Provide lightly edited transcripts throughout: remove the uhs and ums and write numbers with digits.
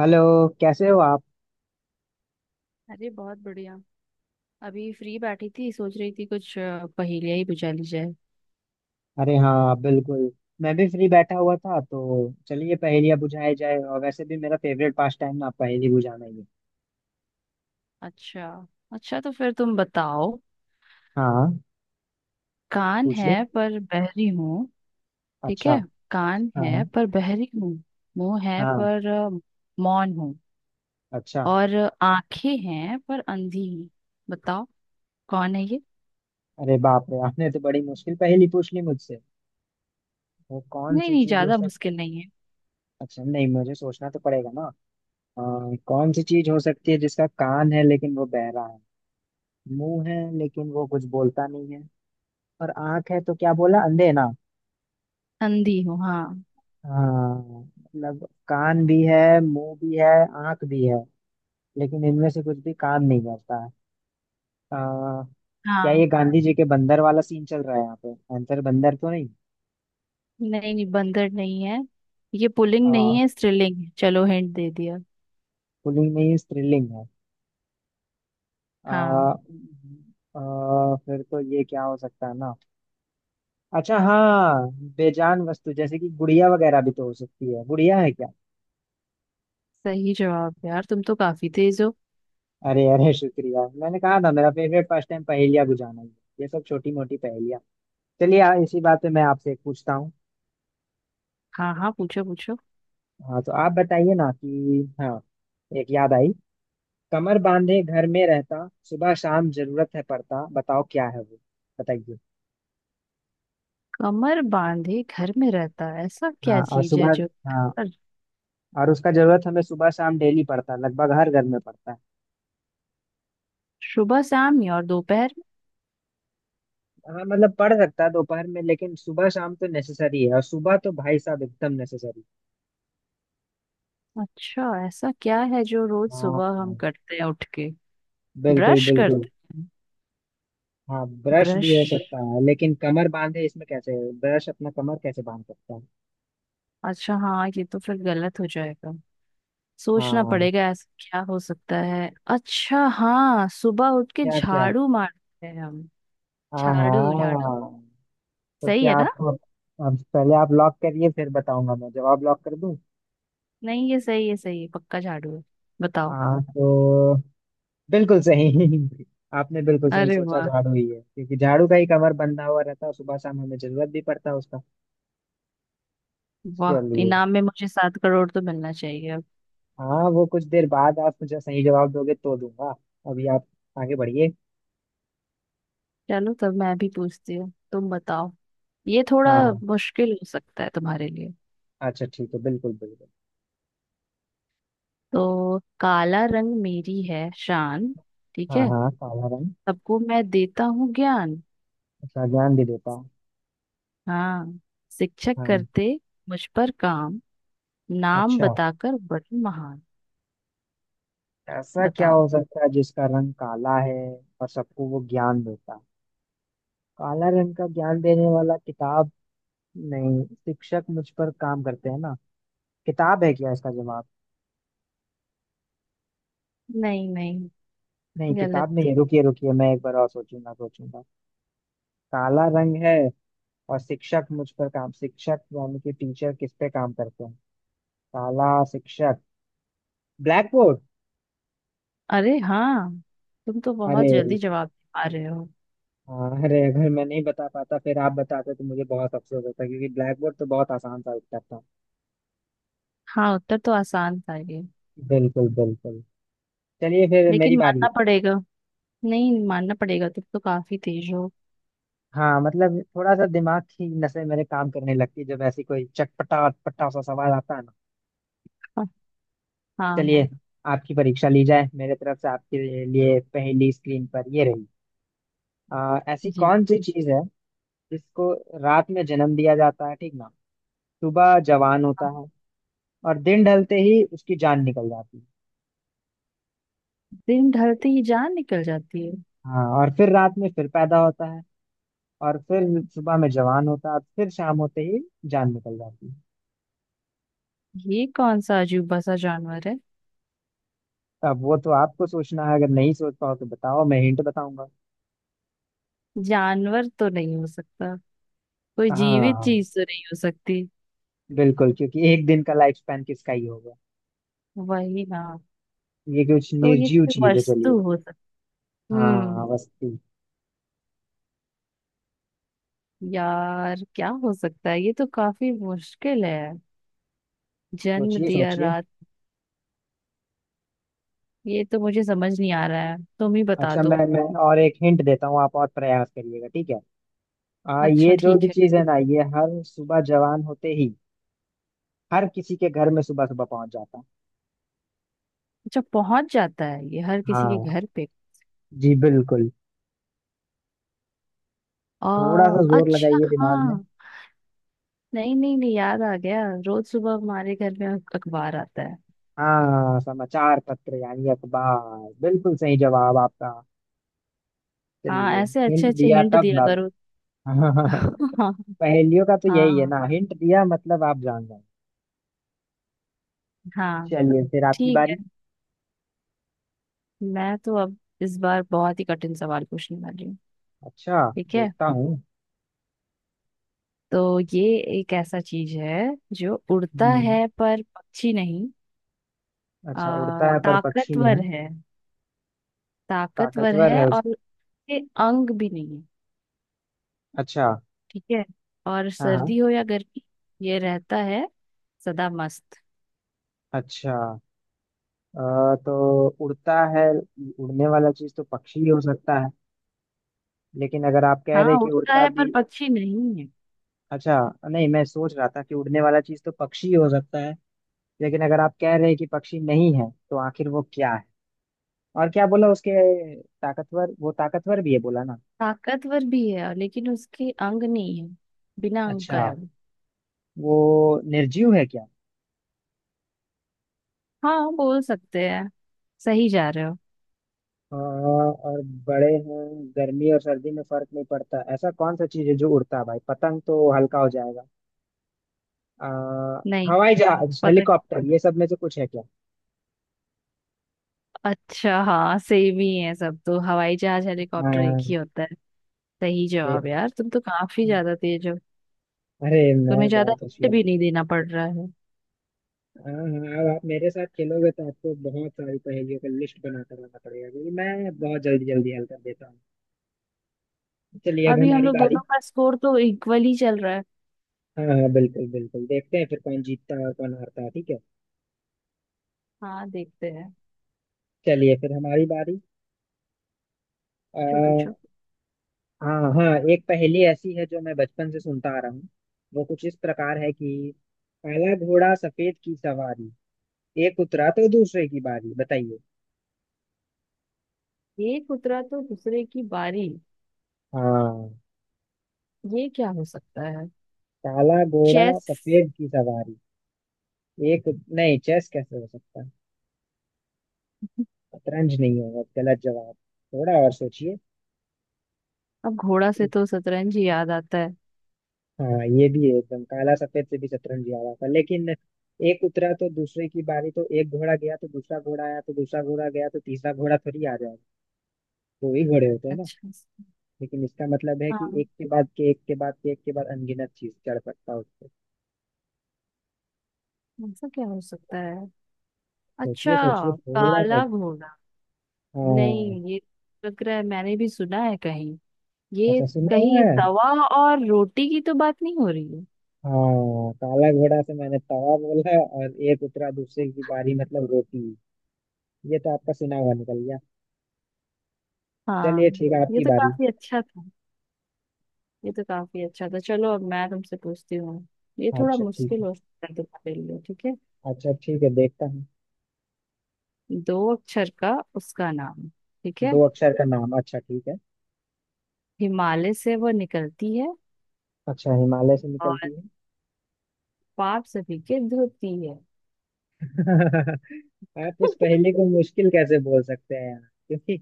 Hello. कैसे हो आप? अरे बहुत बढ़िया। अभी फ्री बैठी थी, सोच रही थी कुछ पहेलियाँ ही बुझा ली जाए। अरे हाँ, बिल्कुल। मैं भी फ्री बैठा हुआ था, तो चलिए पहेलियाँ बुझाई जाए। और वैसे भी मेरा फेवरेट पास टाइम ना पहेली बुझाना ही है। अच्छा, अच्छा तो फिर तुम बताओ। हाँ, कान पूछिए। है पर बहरी हूँ। ठीक अच्छा। है, कान हाँ हाँ। है पर बहरी हूँ, मुंह है हाँ। पर मौन हूँ, अच्छा। और आंखें हैं पर अंधी हूँ। बताओ कौन है ये। अरे बाप रे, आपने तो बड़ी मुश्किल पहेली पूछ ली मुझसे। वो कौन नहीं सी नहीं, चीज हो ज्यादा सकती है? मुश्किल नहीं है। अच्छा नहीं, मुझे सोचना तो पड़ेगा ना। अ, कौन सी चीज हो सकती है जिसका कान है लेकिन वो बहरा है? मुंह है लेकिन वो कुछ बोलता नहीं है। और आंख है, तो क्या बोला? अंधे ना। अंधी हूँ, हाँ। हाँ, मतलब कान भी है, मुंह भी है, आंख भी है, लेकिन इनमें से कुछ भी काम नहीं करता है। आ, क्या ये हाँ, गांधी जी के बंदर वाला सीन चल रहा है? यहाँ पे आंसर बंदर तो नहीं? नहीं नहीं, बंदर नहीं है। ये पुल्लिंग नहीं आ, है, स्त्रीलिंग है। चलो हिंट दे दिया। पुलिंग नहीं है, स्त्रीलिंग है। आ, हाँ, आ, फिर तो ये क्या हो सकता है ना। अच्छा हाँ। बेजान वस्तु जैसे कि गुड़िया वगैरह भी तो हो सकती है। गुड़िया है क्या? सही जवाब। यार तुम तो काफी तेज हो। अरे अरे, शुक्रिया। मैंने कहा था मेरा फेवरेट फर्स्ट टाइम पहेलिया बुझाना ही है। ये सब छोटी मोटी पहेलिया। चलिए, इसी बात पे मैं आपसे एक पूछता हूँ। हाँ हाँ, पूछो पूछो। हाँ तो आप बताइए ना कि हाँ। एक याद आई। कमर बांधे घर में रहता, सुबह शाम जरूरत है पड़ता, बताओ क्या है वो। बताइए। कमर बांधे घर में रहता है, ऐसा क्या हाँ, और चीज है सुबह। जो। हाँ, और और उसका जरूरत हमें सुबह शाम डेली पड़ता है, लगभग हर घर में पड़ता है। सुबह शाम में और दोपहर हाँ मतलब पढ़ सकता है दोपहर में, लेकिन सुबह शाम तो नेसेसरी है, और सुबह तो भाई साहब एकदम नेसेसरी। में? अच्छा, ऐसा क्या है जो रोज हाँ सुबह हम हाँ, करते हैं उठ के। बिल्कुल ब्रश बिल्कुल। करते हैं, हाँ, ब्रश भी ब्रश। हो सकता है लेकिन कमर बांधे इसमें कैसे? ब्रश अपना कमर कैसे बांध सकता है? अच्छा हाँ, ये तो फिर गलत हो जाएगा। सोचना हाँ, पड़ेगा ऐसा क्या हो सकता है। अच्छा हाँ, सुबह उठ के क्या क्या? झाड़ू मारते हैं हम। हाँ झाड़ू झाड़ू। हाँ। तो सही क्या है ना? आप? अब पहले आप लॉक करिए, फिर बताऊंगा। मैं जवाब लॉक कर दूं? नहीं, ये सही है, सही है, पक्का झाड़ू है। बताओ। हाँ तो बिल्कुल सही। आपने बिल्कुल सही अरे सोचा, वाह! झाड़ू ही है। क्योंकि झाड़ू का ही कमर बंधा हुआ रहता है, सुबह शाम हमें जरूरत भी पड़ता है उसका। वाह, चलिए। इनाम में मुझे 7 करोड़ तो मिलना चाहिए अब। हाँ, वो कुछ देर बाद आप मुझे सही जवाब दोगे तो दूंगा। अभी आप आगे बढ़िए। चलो, तब मैं भी पूछती हूँ, तुम बताओ। ये थोड़ा हाँ हाँ। मुश्किल हो सकता है तुम्हारे लिए। अच्छा ठीक है, बिल्कुल बिल्कुल। तो काला रंग मेरी है शान। ठीक हाँ है। हाँ, काला रंग। सबको मैं देता हूँ ज्ञान। अच्छा, ज्ञान भी देता है। हाँ, शिक्षक हाँ। करते मुझ पर काम, नाम अच्छा, बताकर बड़ी महान। ऐसा क्या बताओ। हो सकता है जिसका रंग काला है? और सबको वो ज्ञान देता है। काला रंग का ज्ञान देने वाला किताब। नहीं, शिक्षक मुझ पर काम करते हैं ना। किताब है क्या इसका जवाब? नहीं नहीं, नहीं, किताब गलत। नहीं है। रुकिए रुकिए, मैं एक बार और सोचूंगा सोचूंगा। काला रंग है। और शिक्षक मुझ पर काम, शिक्षक यानी कि टीचर किस पे काम करते हैं? काला शिक्षक। Blackboard. अरे हाँ, तुम तो बहुत अरे जल्दी जवाब दे पा रहे हो। हाँ, अरे अगर मैं नहीं बता पाता फिर आप बताते तो मुझे बहुत अफसोस होता, क्योंकि ब्लैक बोर्ड तो बहुत आसान सा उत्तर था। हाँ, उत्तर तो आसान था ये। बिल्कुल बिल्कुल। चलिए फिर मेरी लेकिन बारी। मानना पड़ेगा, नहीं मानना पड़ेगा, तुम तो काफी तेज हो। हाँ मतलब थोड़ा सा दिमाग की नसें मेरे काम करने लगती है जब ऐसी कोई चटपटा अटपटा सा सवाल आता है ना। हाँ। हाँ चलिए। हाँ, आपकी परीक्षा ली जाए मेरे तरफ से, आपके लिए पहली स्क्रीन पर ये रही। ऐसी जी। कौन सी चीज है जिसको रात में जन्म दिया जाता है, ठीक ना। सुबह जवान होता है। और दिन ढलते ही उसकी जान निकल जाती है। दिन ढलते ही जान निकल जाती है? हाँ, और फिर रात में फिर पैदा होता है। और फिर सुबह में जवान होता है, और फिर शाम होते ही जान निकल जाती है। ये कौन सा अजूबा सा जानवर है? अब वो तो आपको सोचना है, अगर नहीं सोच पाओ तो बताओ, मैं हिंट बताऊंगा। जानवर तो नहीं हो सकता, कोई जीवित हाँ चीज तो नहीं हो सकती। बिल्कुल, क्योंकि एक दिन का लाइफ स्पैन किसका ही होगा। वही ना। ये कुछ तो ये निर्जीव कोई चीज है, वस्तु चलिए। हो सकती। हाँ, हम्म वस्तु। यार, क्या हो सकता है, ये तो काफी मुश्किल है। जन्म सोचिए दिया सोचिए। रात। ये तो मुझे समझ नहीं आ रहा है, तुम ही बता अच्छा, मैं दो। मैं और एक हिंट देता हूँ, आप और प्रयास करिएगा, ठीक है। अच्छा ये जो ठीक भी है। चीज है ना, ये हर सुबह जवान होते ही। हर किसी के घर में सुबह सुबह पहुंच जाता है। अच्छा पहुंच जाता है ये हर किसी के हाँ घर पे? जी, बिल्कुल। थोड़ा सा जोर अच्छा लगाइए दिमाग में। हाँ। नहीं नहीं नहीं, याद आ गया। रोज सुबह हमारे घर में अखबार आता है। हाँ, समाचार पत्र यानी अखबार, बिल्कुल सही जवाब आपका। हाँ, चलिए, ऐसे हिंट अच्छे अच्छे दिया हिंट तब दिया ना। करो। हाँ। पहेलियों का तो यही है हाँ। ना, हिंट दिया मतलब आप जान जाए। हाँ चलिए फिर आपकी ठीक है, बारी। मैं तो अब इस बार बहुत ही कठिन सवाल पूछने वाली हूँ। अच्छा ठीक है, देखता हूँ। तो ये एक ऐसा चीज है जो उड़ता हम्म, है पर पक्षी नहीं। अच्छा, उड़ता है पर पक्षी ताकतवर नहीं। है, ताकतवर ताकतवर है है उस। और उसके अंग भी नहीं है। अच्छा। ठीक है, और हाँ हाँ। सर्दी हो या गर्मी ये रहता है सदा मस्त। अच्छा। अ, तो उड़ता है, उड़ने वाला चीज तो पक्षी ही हो सकता है, लेकिन अगर आप कह हाँ, रहे हैं कि उड़ता उड़ता है भी। पर पक्षी नहीं है। अच्छा, नहीं मैं सोच रहा था कि उड़ने वाला चीज तो पक्षी ही हो सकता है, लेकिन अगर आप कह रहे हैं कि पक्षी नहीं है तो आखिर वो क्या है? और क्या बोला उसके? ताकतवर, वो ताकतवर भी है बोला ना। ताकतवर भी है, लेकिन उसके अंग नहीं है, बिना अंग का है अच्छा, वो। वो निर्जीव है क्या? हाँ, बोल सकते हैं। सही जा रहे हो। हाँ, और। बड़े हैं, गर्मी और सर्दी में फर्क नहीं पड़ता, ऐसा कौन सा चीज है जो उड़ता है? भाई पतंग तो हल्का हो जाएगा। आ, नहीं, हवाई जहाज, पता। हेलीकॉप्टर, ये सब में से कुछ है क्या? अच्छा हाँ, सेम ही है सब तो, हवाई जहाज हेलीकॉप्टर एक हाँ, ही होता है। सही जवाब। देख। यार तुम तो काफी ज्यादा तेज हो। अरे मैं तुम्हें ज्यादा बहुत हिंट होशियार भी हूँ। नहीं देना पड़ रहा है। हाँ हाँ, अब आप मेरे साथ खेलोगे तो आपको बहुत सारी पहेलियों का लिस्ट बनाकर लाना पड़ेगा, क्योंकि मैं बहुत जल्दी जल्दी हल कर देता हूँ। चलिए अब अभी हम हमारी लोग बारी। दोनों का स्कोर तो इक्वल ही चल रहा है। हाँ हाँ, बिल्कुल बिल्कुल, देखते हैं फिर कौन जीतता है और कौन हारता है, ठीक है। हाँ देखते हैं। चलिए फिर हमारी बारी। आ, पूछो पूछो। हाँ हाँ, एक पहेली ऐसी है जो मैं बचपन से सुनता आ रहा हूँ। वो कुछ इस प्रकार है कि काला घोड़ा सफेद की सवारी, एक उतरा तो दूसरे की बारी, बताइए। एक उतरा तो दूसरे की बारी, हाँ, ये क्या हो सकता है? काला घोड़ा चेस। सफेद की सवारी। नहीं, चेस कैसे हो सकता है? शतरंज नहीं होगा, गलत जवाब। थोड़ा और सोचिए। अब घोड़ा से तो शतरंज ही याद आता है। हाँ, ये भी है, एकदम काला सफेद से भी शतरंज ही आ रहा था, लेकिन एक उतरा तो दूसरे की बारी, तो एक घोड़ा गया तो दूसरा घोड़ा आया, तो दूसरा घोड़ा गया तो तीसरा घोड़ा थोड़ी आ जाएगा। दो ही घोड़े होते हैं ना। अच्छा लेकिन इसका मतलब है कि हाँ, एक के बाद के एक के बाद के एक के बाद अनगिनत चीज चढ़ सकता है उस पे। ऐसा क्या हो सकता है। सोचिए अच्छा। सोचिए थोड़ा सा। काला घोड़ा। हाँ, नहीं ये, लग रहा है मैंने भी सुना है कहीं ये। अच्छा सुना हुआ कहीं है। तवा और रोटी की तो बात नहीं हो रही है? हाँ, काला घोड़ा से मैंने तवा बोला, और एक उतरा दूसरे की बारी मतलब रोटी। ये तो आपका सुना हुआ निकल गया। चलिए हाँ, ठीक है, ये आपकी तो बारी। काफी अच्छा था, ये तो काफी अच्छा था। चलो अब मैं तुमसे पूछती हूँ, ये थोड़ा अच्छा ठीक मुश्किल है। हो सकता है तुम्हारे लिए, ठीक है। अच्छा ठीक है, देखता हूँ। 2 अक्षर का उसका नाम, ठीक है, दो अक्षर का नाम, अच्छा ठीक है। हिमालय से वो निकलती है अच्छा, हिमालय से और निकलती है। पाप सभी के धोती है। आप इस पहेली को मुश्किल कैसे बोल सकते हैं यार? क्योंकि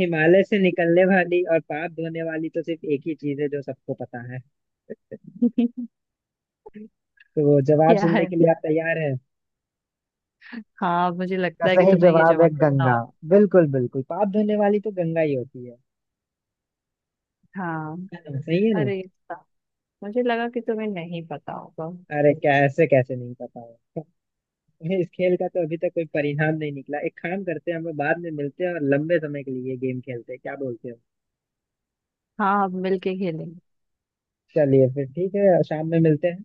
हिमालय से निकलने वाली और पाप धोने वाली तो सिर्फ एक ही चीज है जो सबको पता है। तो जवाब क्या सुनने है? के लिए आप तैयार हैं? हाँ, मुझे का लगता है कि सही तुम्हें ये जवाब है जवाब पता गंगा। हो। बिल्कुल बिल्कुल, पाप धोने वाली तो गंगा ही होती है। हाँ। है ना? सही है ना। अरे, सा- मुझे लगा कि तुम्हें नहीं पता होगा। अरे, कैसे कैसे नहीं पता है। इस खेल का तो अभी तक कोई परिणाम नहीं निकला, एक काम करते हैं हम लोग, बाद में मिलते हैं और लंबे समय के लिए ये गेम खेलते हैं, क्या बोलते हो? हाँ अब मिलके खेलेंगे। चलिए फिर ठीक है, शाम में मिलते हैं।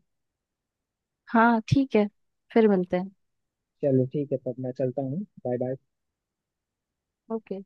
हाँ ठीक है, फिर मिलते हैं। चलो ठीक है, तब मैं चलता हूँ, बाय बाय। ओके।